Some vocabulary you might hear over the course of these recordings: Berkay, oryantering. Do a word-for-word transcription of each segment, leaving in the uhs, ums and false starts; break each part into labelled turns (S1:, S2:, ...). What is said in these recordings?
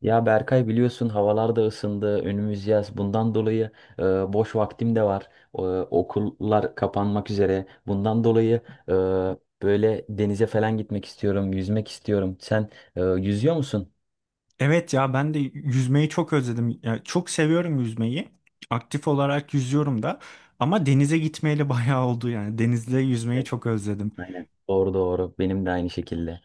S1: Ya Berkay biliyorsun havalar da ısındı, önümüz yaz. Bundan dolayı e, boş vaktim de var. E, okullar kapanmak üzere. Bundan dolayı e, böyle denize falan gitmek istiyorum, yüzmek istiyorum. Sen e, yüzüyor musun?
S2: Evet ya ben de yüzmeyi çok özledim. Ya çok seviyorum yüzmeyi. Aktif olarak yüzüyorum da. Ama denize gitmeyeli bayağı oldu yani. Denizde yüzmeyi
S1: Evet,
S2: çok özledim.
S1: aynen. Doğru doğru. Benim de aynı şekilde.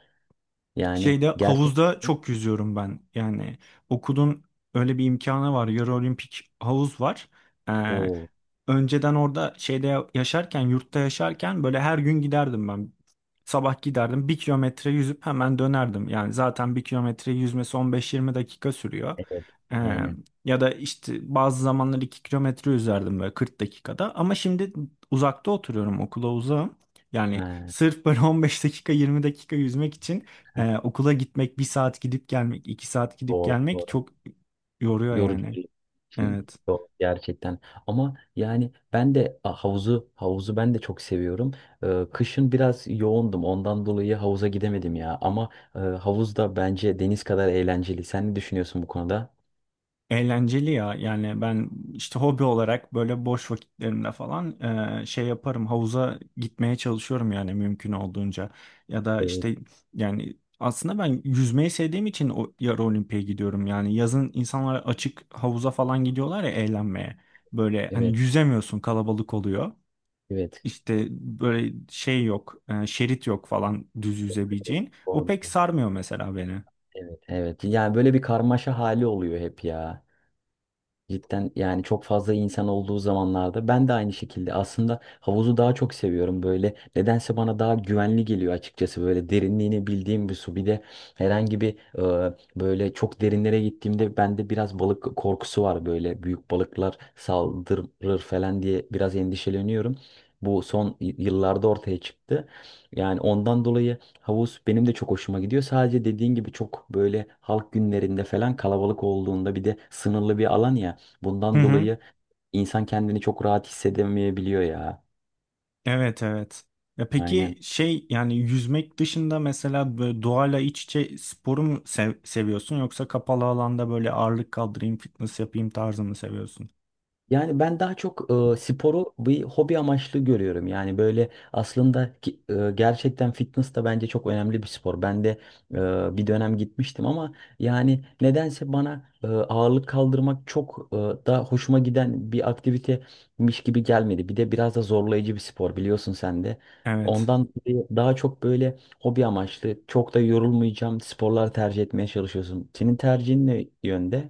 S1: Yani
S2: Şeyde
S1: gerçekten.
S2: havuzda çok yüzüyorum ben. Yani okulun öyle bir imkanı var. Yarı olimpik havuz var. Ee,
S1: Oo,
S2: önceden orada şeyde ya- yaşarken, yurtta yaşarken böyle her gün giderdim ben. Sabah giderdim bir kilometre yüzüp hemen dönerdim. Yani zaten bir kilometre yüzmesi on beş yirmi dakika sürüyor.
S1: evet.
S2: Ee,
S1: Aynen.
S2: ya da işte bazı zamanlar iki kilometre yüzerdim böyle kırk dakikada. Ama şimdi uzakta oturuyorum okula uzağım. Yani
S1: Ha,
S2: sırf böyle on beş dakika yirmi dakika yüzmek için ee, okula gitmek bir saat gidip gelmek, iki saat gidip
S1: doğru.
S2: gelmek çok yoruyor yani.
S1: Yorucu.
S2: Evet.
S1: Yok, gerçekten. Ama yani ben de a, havuzu havuzu ben de çok seviyorum. Ee, kışın biraz yoğundum. Ondan dolayı havuza gidemedim ya. Ama e, havuz da bence deniz kadar eğlenceli. Sen ne düşünüyorsun bu konuda?
S2: Eğlenceli ya yani ben işte hobi olarak böyle boş vakitlerimde falan e, şey yaparım, havuza gitmeye çalışıyorum yani mümkün olduğunca, ya da
S1: Evet,
S2: işte yani aslında ben yüzmeyi sevdiğim için o yarı olimpiye gidiyorum. Yani yazın insanlar açık havuza falan gidiyorlar ya, eğlenmeye, böyle hani
S1: evet,
S2: yüzemiyorsun, kalabalık oluyor.
S1: evet.
S2: İşte böyle şey yok, e, şerit yok falan düz yüzebileceğin. O
S1: Doğru.
S2: pek sarmıyor mesela beni.
S1: Evet, evet. Yani böyle bir karmaşa hali oluyor hep ya. Cidden yani çok fazla insan olduğu zamanlarda ben de aynı şekilde aslında havuzu daha çok seviyorum böyle nedense bana daha güvenli geliyor açıkçası böyle derinliğini bildiğim bir su bir de herhangi bir e, böyle çok derinlere gittiğimde bende biraz balık korkusu var böyle büyük balıklar saldırır falan diye biraz endişeleniyorum. Bu son y- yıllarda ortaya çıktı. Yani ondan dolayı havuz benim de çok hoşuma gidiyor. Sadece dediğin gibi çok böyle halk günlerinde falan kalabalık olduğunda bir de sınırlı bir alan ya.
S2: Hı
S1: Bundan
S2: hı.
S1: dolayı insan kendini çok rahat hissedemeyebiliyor ya.
S2: Evet, evet. Ya
S1: Aynen.
S2: peki şey, yani yüzmek dışında mesela böyle doğayla iç içe sporu mu sev- seviyorsun, yoksa kapalı alanda böyle ağırlık kaldırayım, fitness yapayım tarzı mı seviyorsun?
S1: Yani ben daha çok e, sporu bir hobi amaçlı görüyorum. Yani böyle aslında ki- e, gerçekten fitness da bence çok önemli bir spor. Ben de e, bir dönem gitmiştim ama yani nedense bana e, ağırlık kaldırmak çok e, da hoşuma giden bir aktivitemiş gibi gelmedi. Bir de biraz da zorlayıcı bir spor biliyorsun sen de.
S2: Evet.
S1: Ondan dolayı daha çok böyle hobi amaçlı, çok da yorulmayacağım sporlar tercih etmeye çalışıyorsun. Senin tercihin ne yönde?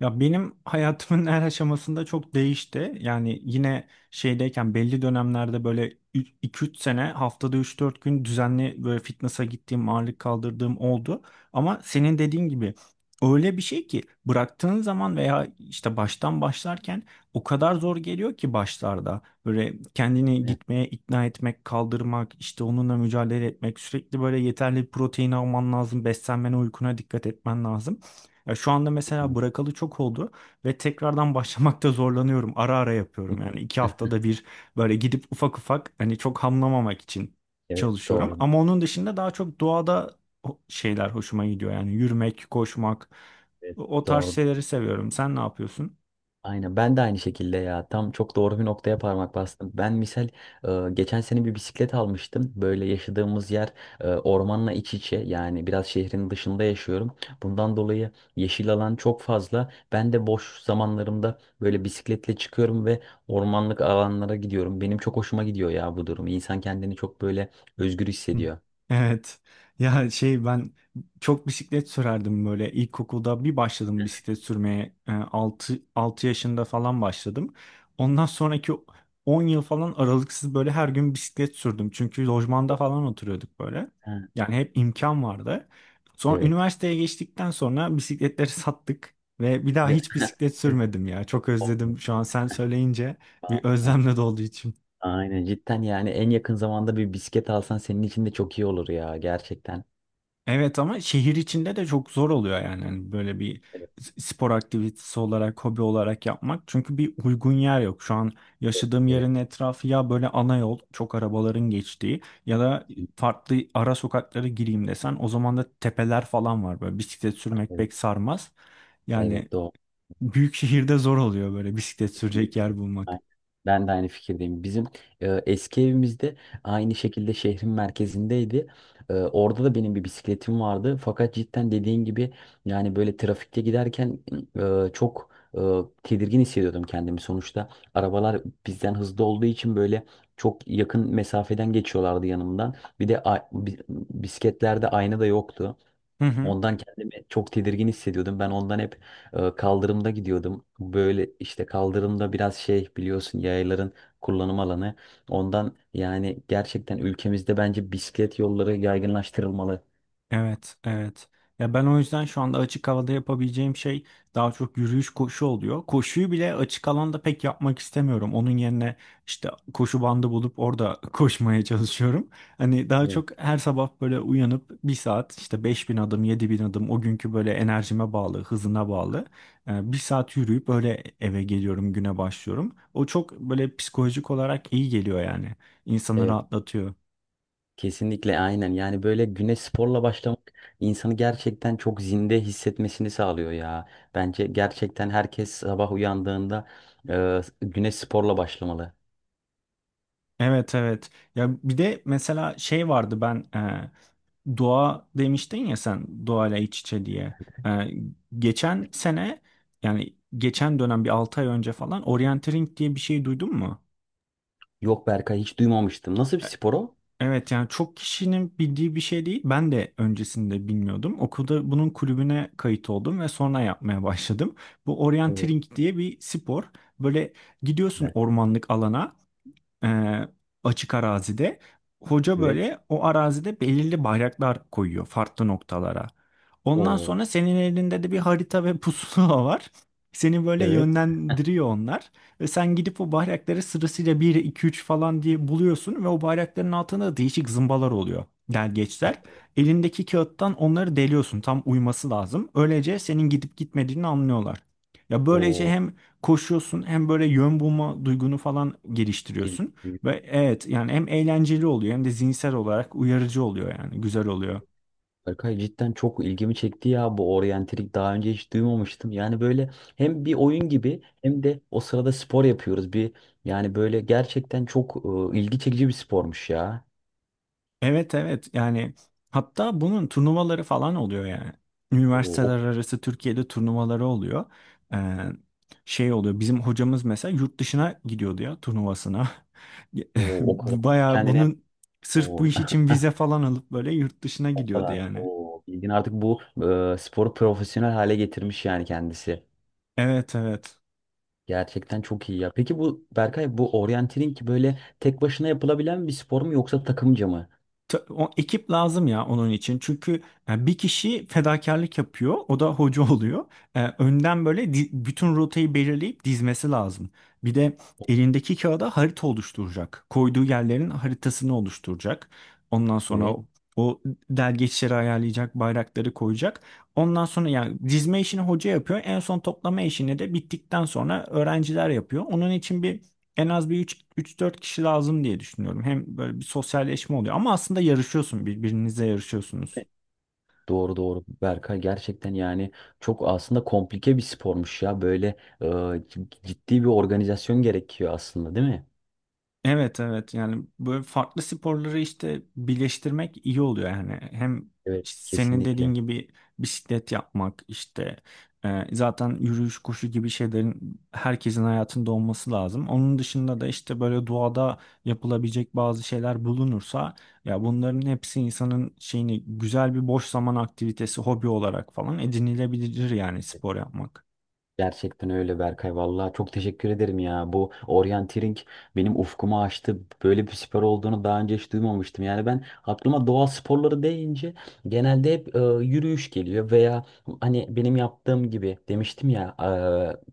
S2: Ya benim hayatımın her aşamasında çok değişti. Yani yine şeydeyken belli dönemlerde böyle iki üç sene haftada üç dört gün düzenli böyle fitness'a gittiğim, ağırlık kaldırdığım oldu. Ama senin dediğin gibi öyle bir şey ki, bıraktığın zaman veya işte baştan başlarken o kadar zor geliyor ki başlarda. Böyle kendini
S1: Evet,
S2: gitmeye ikna etmek, kaldırmak, işte onunla mücadele etmek, sürekli böyle yeterli protein alman lazım, beslenmene, uykuna dikkat etmen lazım. Ya şu anda mesela
S1: kesinlikle.
S2: bırakalı çok oldu ve tekrardan başlamakta zorlanıyorum. Ara ara yapıyorum. Yani iki haftada bir böyle gidip ufak ufak, hani çok hamlamamak için
S1: Evet,
S2: çalışıyorum.
S1: doğru.
S2: Ama onun dışında daha çok doğada o- şeyler hoşuma gidiyor. Yani yürümek, koşmak,
S1: Evet,
S2: o o tarz
S1: doğru.
S2: şeyleri seviyorum. Sen ne yapıyorsun?
S1: Aynen ben de aynı şekilde ya tam çok doğru bir noktaya parmak bastım. Ben misal e, geçen sene bir bisiklet almıştım. Böyle yaşadığımız yer e, ormanla iç içe yani biraz şehrin dışında yaşıyorum. Bundan dolayı yeşil alan çok fazla. Ben de boş zamanlarımda böyle bisikletle çıkıyorum ve ormanlık alanlara gidiyorum. Benim çok hoşuma gidiyor ya bu durum. İnsan kendini çok böyle özgür
S2: Hı.
S1: hissediyor.
S2: Evet. Ya şey, ben çok bisiklet sürerdim böyle. İlkokulda bir başladım bisiklet sürmeye. Ee, altı altı yaşında falan başladım. Ondan sonraki on yıl falan aralıksız böyle her gün bisiklet sürdüm. Çünkü lojmanda falan oturuyorduk böyle.
S1: Ha,
S2: Yani hep imkan vardı. Sonra
S1: evet.
S2: üniversiteye geçtikten sonra bisikletleri sattık ve bir daha
S1: De-
S2: hiç bisiklet
S1: Evet,
S2: sürmedim ya. Çok
S1: olmuyor.
S2: özledim şu an sen söyleyince, bir özlemle doldu içim.
S1: Aynen cidden yani en yakın zamanda bir bisiklet alsan senin için de çok iyi olur ya gerçekten.
S2: Evet, ama şehir içinde de çok zor oluyor yani. Hani böyle bir
S1: Evet,
S2: s- spor aktivitesi olarak, hobi olarak yapmak. Çünkü bir uygun yer yok. Şu an yaşadığım
S1: evet,
S2: yerin etrafı ya böyle ana yol, çok arabaların geçtiği, ya da farklı ara sokaklara gireyim desen o zaman da tepeler falan var. Böyle bisiklet sürmek
S1: evet,
S2: pek sarmaz. Yani
S1: evet doğru.
S2: büyük şehirde zor oluyor böyle bisiklet sürecek
S1: Kesinlikle.
S2: yer
S1: Aynen.
S2: bulmak.
S1: Ben de aynı fikirdeyim. Bizim e, eski evimizde aynı şekilde şehrin merkezindeydi. E, orada da benim bir bisikletim vardı. Fakat cidden dediğin gibi yani böyle trafikte giderken e, çok e, tedirgin hissediyordum kendimi. Sonuçta arabalar bizden hızlı olduğu için böyle çok yakın mesafeden geçiyorlardı yanımdan. Bir de a- bi- bisikletlerde ayna da yoktu.
S2: Hı hı.
S1: Ondan kendimi çok tedirgin hissediyordum. Ben ondan hep e, kaldırımda gidiyordum. Böyle işte kaldırımda biraz şey biliyorsun yayların kullanım alanı. Ondan yani gerçekten ülkemizde bence bisiklet yolları yaygınlaştırılmalı.
S2: Evet, evet. Ya ben o yüzden şu anda açık havada yapabileceğim şey daha çok yürüyüş, koşu oluyor. Koşuyu bile açık alanda pek yapmak istemiyorum. Onun yerine işte koşu bandı bulup orada koşmaya çalışıyorum. Hani daha
S1: Evet.
S2: çok her sabah böyle uyanıp bir saat, işte beş bin adım, yedi bin adım, o günkü böyle enerjime bağlı, hızına bağlı. e, Bir saat yürüyüp böyle eve geliyorum, güne başlıyorum. O çok böyle psikolojik olarak iyi geliyor yani. İnsanı
S1: Evet,
S2: rahatlatıyor.
S1: kesinlikle aynen. Yani böyle güne sporla başlamak insanı gerçekten çok zinde hissetmesini sağlıyor ya. Bence gerçekten herkes sabah uyandığında e, güne sporla başlamalı.
S2: Evet, evet. Ya bir de mesela şey vardı, ben e, doğa demiştin ya, sen doğayla iç içe diye. E, geçen sene, yani geçen dönem, bir altı ay önce falan, orienteering diye bir şey duydun mu?
S1: Yok Berkay hiç duymamıştım. Nasıl bir
S2: E,
S1: spor o?
S2: Evet, yani çok kişinin bildiği bir şey değil. Ben de öncesinde bilmiyordum. Okulda bunun kulübüne kayıt oldum ve sonra yapmaya başladım. Bu
S1: Evet.
S2: orienteering diye bir spor. Böyle gidiyorsun ormanlık alana. e, açık arazide. Hoca
S1: Evet.
S2: böyle o arazide belirli bayraklar koyuyor farklı noktalara. Ondan
S1: O
S2: sonra senin elinde de bir harita ve pusula var. Seni böyle
S1: evet.
S2: yönlendiriyor onlar. Ve sen gidip o bayrakları sırasıyla bir, iki, üç falan diye buluyorsun. Ve o bayrakların altında da değişik zımbalar oluyor.
S1: E,
S2: Delgeçler. Elindeki kağıttan onları deliyorsun. Tam uyması lazım. Öylece senin gidip gitmediğini anlıyorlar. Ya böylece
S1: o
S2: hem koşuyorsun, hem böyle yön bulma duygunu falan
S1: geliyor.
S2: geliştiriyorsun. Ve evet, yani hem eğlenceli oluyor, hem de zihinsel olarak uyarıcı oluyor, yani güzel oluyor.
S1: Berkay cidden çok ilgimi çekti ya bu oryantalik daha önce hiç duymamıştım. Yani böyle hem bir oyun gibi hem de o sırada spor yapıyoruz. Bir yani böyle gerçekten çok e, ilgi çekici bir spormuş ya.
S2: Evet, evet, yani hatta bunun turnuvaları falan oluyor yani.
S1: O
S2: Üniversiteler
S1: o,
S2: arası Türkiye'de turnuvaları oluyor. Ee, şey oluyor, bizim hocamız mesela yurt dışına gidiyordu ya turnuvasına.
S1: o, o kadar
S2: Bayağı
S1: kendini
S2: bunun sırf bu
S1: o,
S2: iş için vize falan alıp böyle yurt dışına
S1: o
S2: gidiyordu
S1: kadar
S2: yani.
S1: o bilgin artık bu e, sporu profesyonel hale getirmiş yani kendisi.
S2: Evet, evet.
S1: Gerçekten çok iyi ya. Peki bu Berkay bu oryantering böyle tek başına yapılabilen bir spor mu yoksa takımca mı?
S2: Ta- O ekip lazım ya onun için. Çünkü e, bir kişi fedakarlık yapıyor. O da hoca oluyor. E, önden böyle di- bütün rotayı belirleyip dizmesi lazım. Bir de elindeki kağıda harita oluşturacak. Koyduğu yerlerin haritasını oluşturacak. Ondan sonra
S1: Evet.
S2: o, o delgeçleri ayarlayacak, bayrakları koyacak. Ondan sonra yani dizme işini hoca yapıyor. En son toplama işini de bittikten sonra öğrenciler yapıyor. Onun için bir, en az bir üç, 3-4 kişi lazım diye düşünüyorum. Hem böyle bir sosyalleşme oluyor, ama aslında yarışıyorsun, birbirinizle yarışıyorsunuz.
S1: Doğru doğru Berkay gerçekten yani çok aslında komplike bir spormuş ya böyle e, c- ciddi bir organizasyon gerekiyor aslında değil mi?
S2: Evet, evet, yani böyle farklı sporları işte birleştirmek iyi oluyor yani. Hem
S1: Evet
S2: işte senin dediğin
S1: kesinlikle.
S2: gibi bisiklet yapmak, işte e, zaten yürüyüş, koşu gibi şeylerin herkesin hayatında olması lazım. Onun dışında da işte böyle doğada yapılabilecek bazı şeyler bulunursa, ya bunların hepsi insanın şeyini, güzel bir boş zaman aktivitesi, hobi olarak falan edinilebilir yani spor yapmak.
S1: Gerçekten öyle Berkay. Vallahi çok teşekkür ederim ya. Bu oryanteering benim ufkumu açtı. Böyle bir spor olduğunu daha önce hiç duymamıştım. Yani ben aklıma doğa sporları deyince genelde hep e, yürüyüş geliyor veya hani benim yaptığım gibi demiştim ya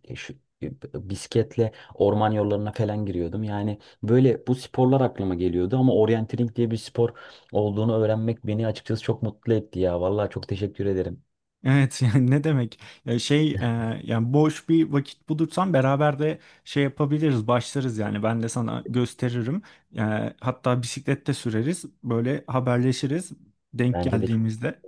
S1: e, şu e, bisikletle orman yollarına falan giriyordum. Yani böyle bu sporlar aklıma geliyordu ama oryanteering diye bir spor olduğunu öğrenmek beni açıkçası çok mutlu etti ya. Vallahi çok teşekkür ederim.
S2: Evet yani ne demek? Ya şey e, yani boş bir vakit bulursan beraber de şey yapabiliriz, başlarız yani. Ben de sana gösteririm. E, hatta bisiklette süreriz. Böyle haberleşiriz denk
S1: Bence de
S2: geldiğimizde.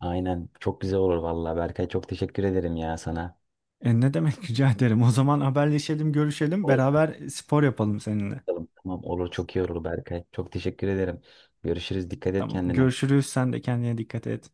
S1: aynen. Çok güzel olur vallahi Berkay. Çok teşekkür ederim ya sana.
S2: E, ne demek, rica ederim. O zaman haberleşelim, görüşelim,
S1: Olur.
S2: beraber spor yapalım seninle.
S1: Tamam olur. Çok iyi olur Berkay. Çok teşekkür ederim. Görüşürüz. Dikkat et
S2: Tamam.
S1: kendine.
S2: Görüşürüz. Sen de kendine dikkat et.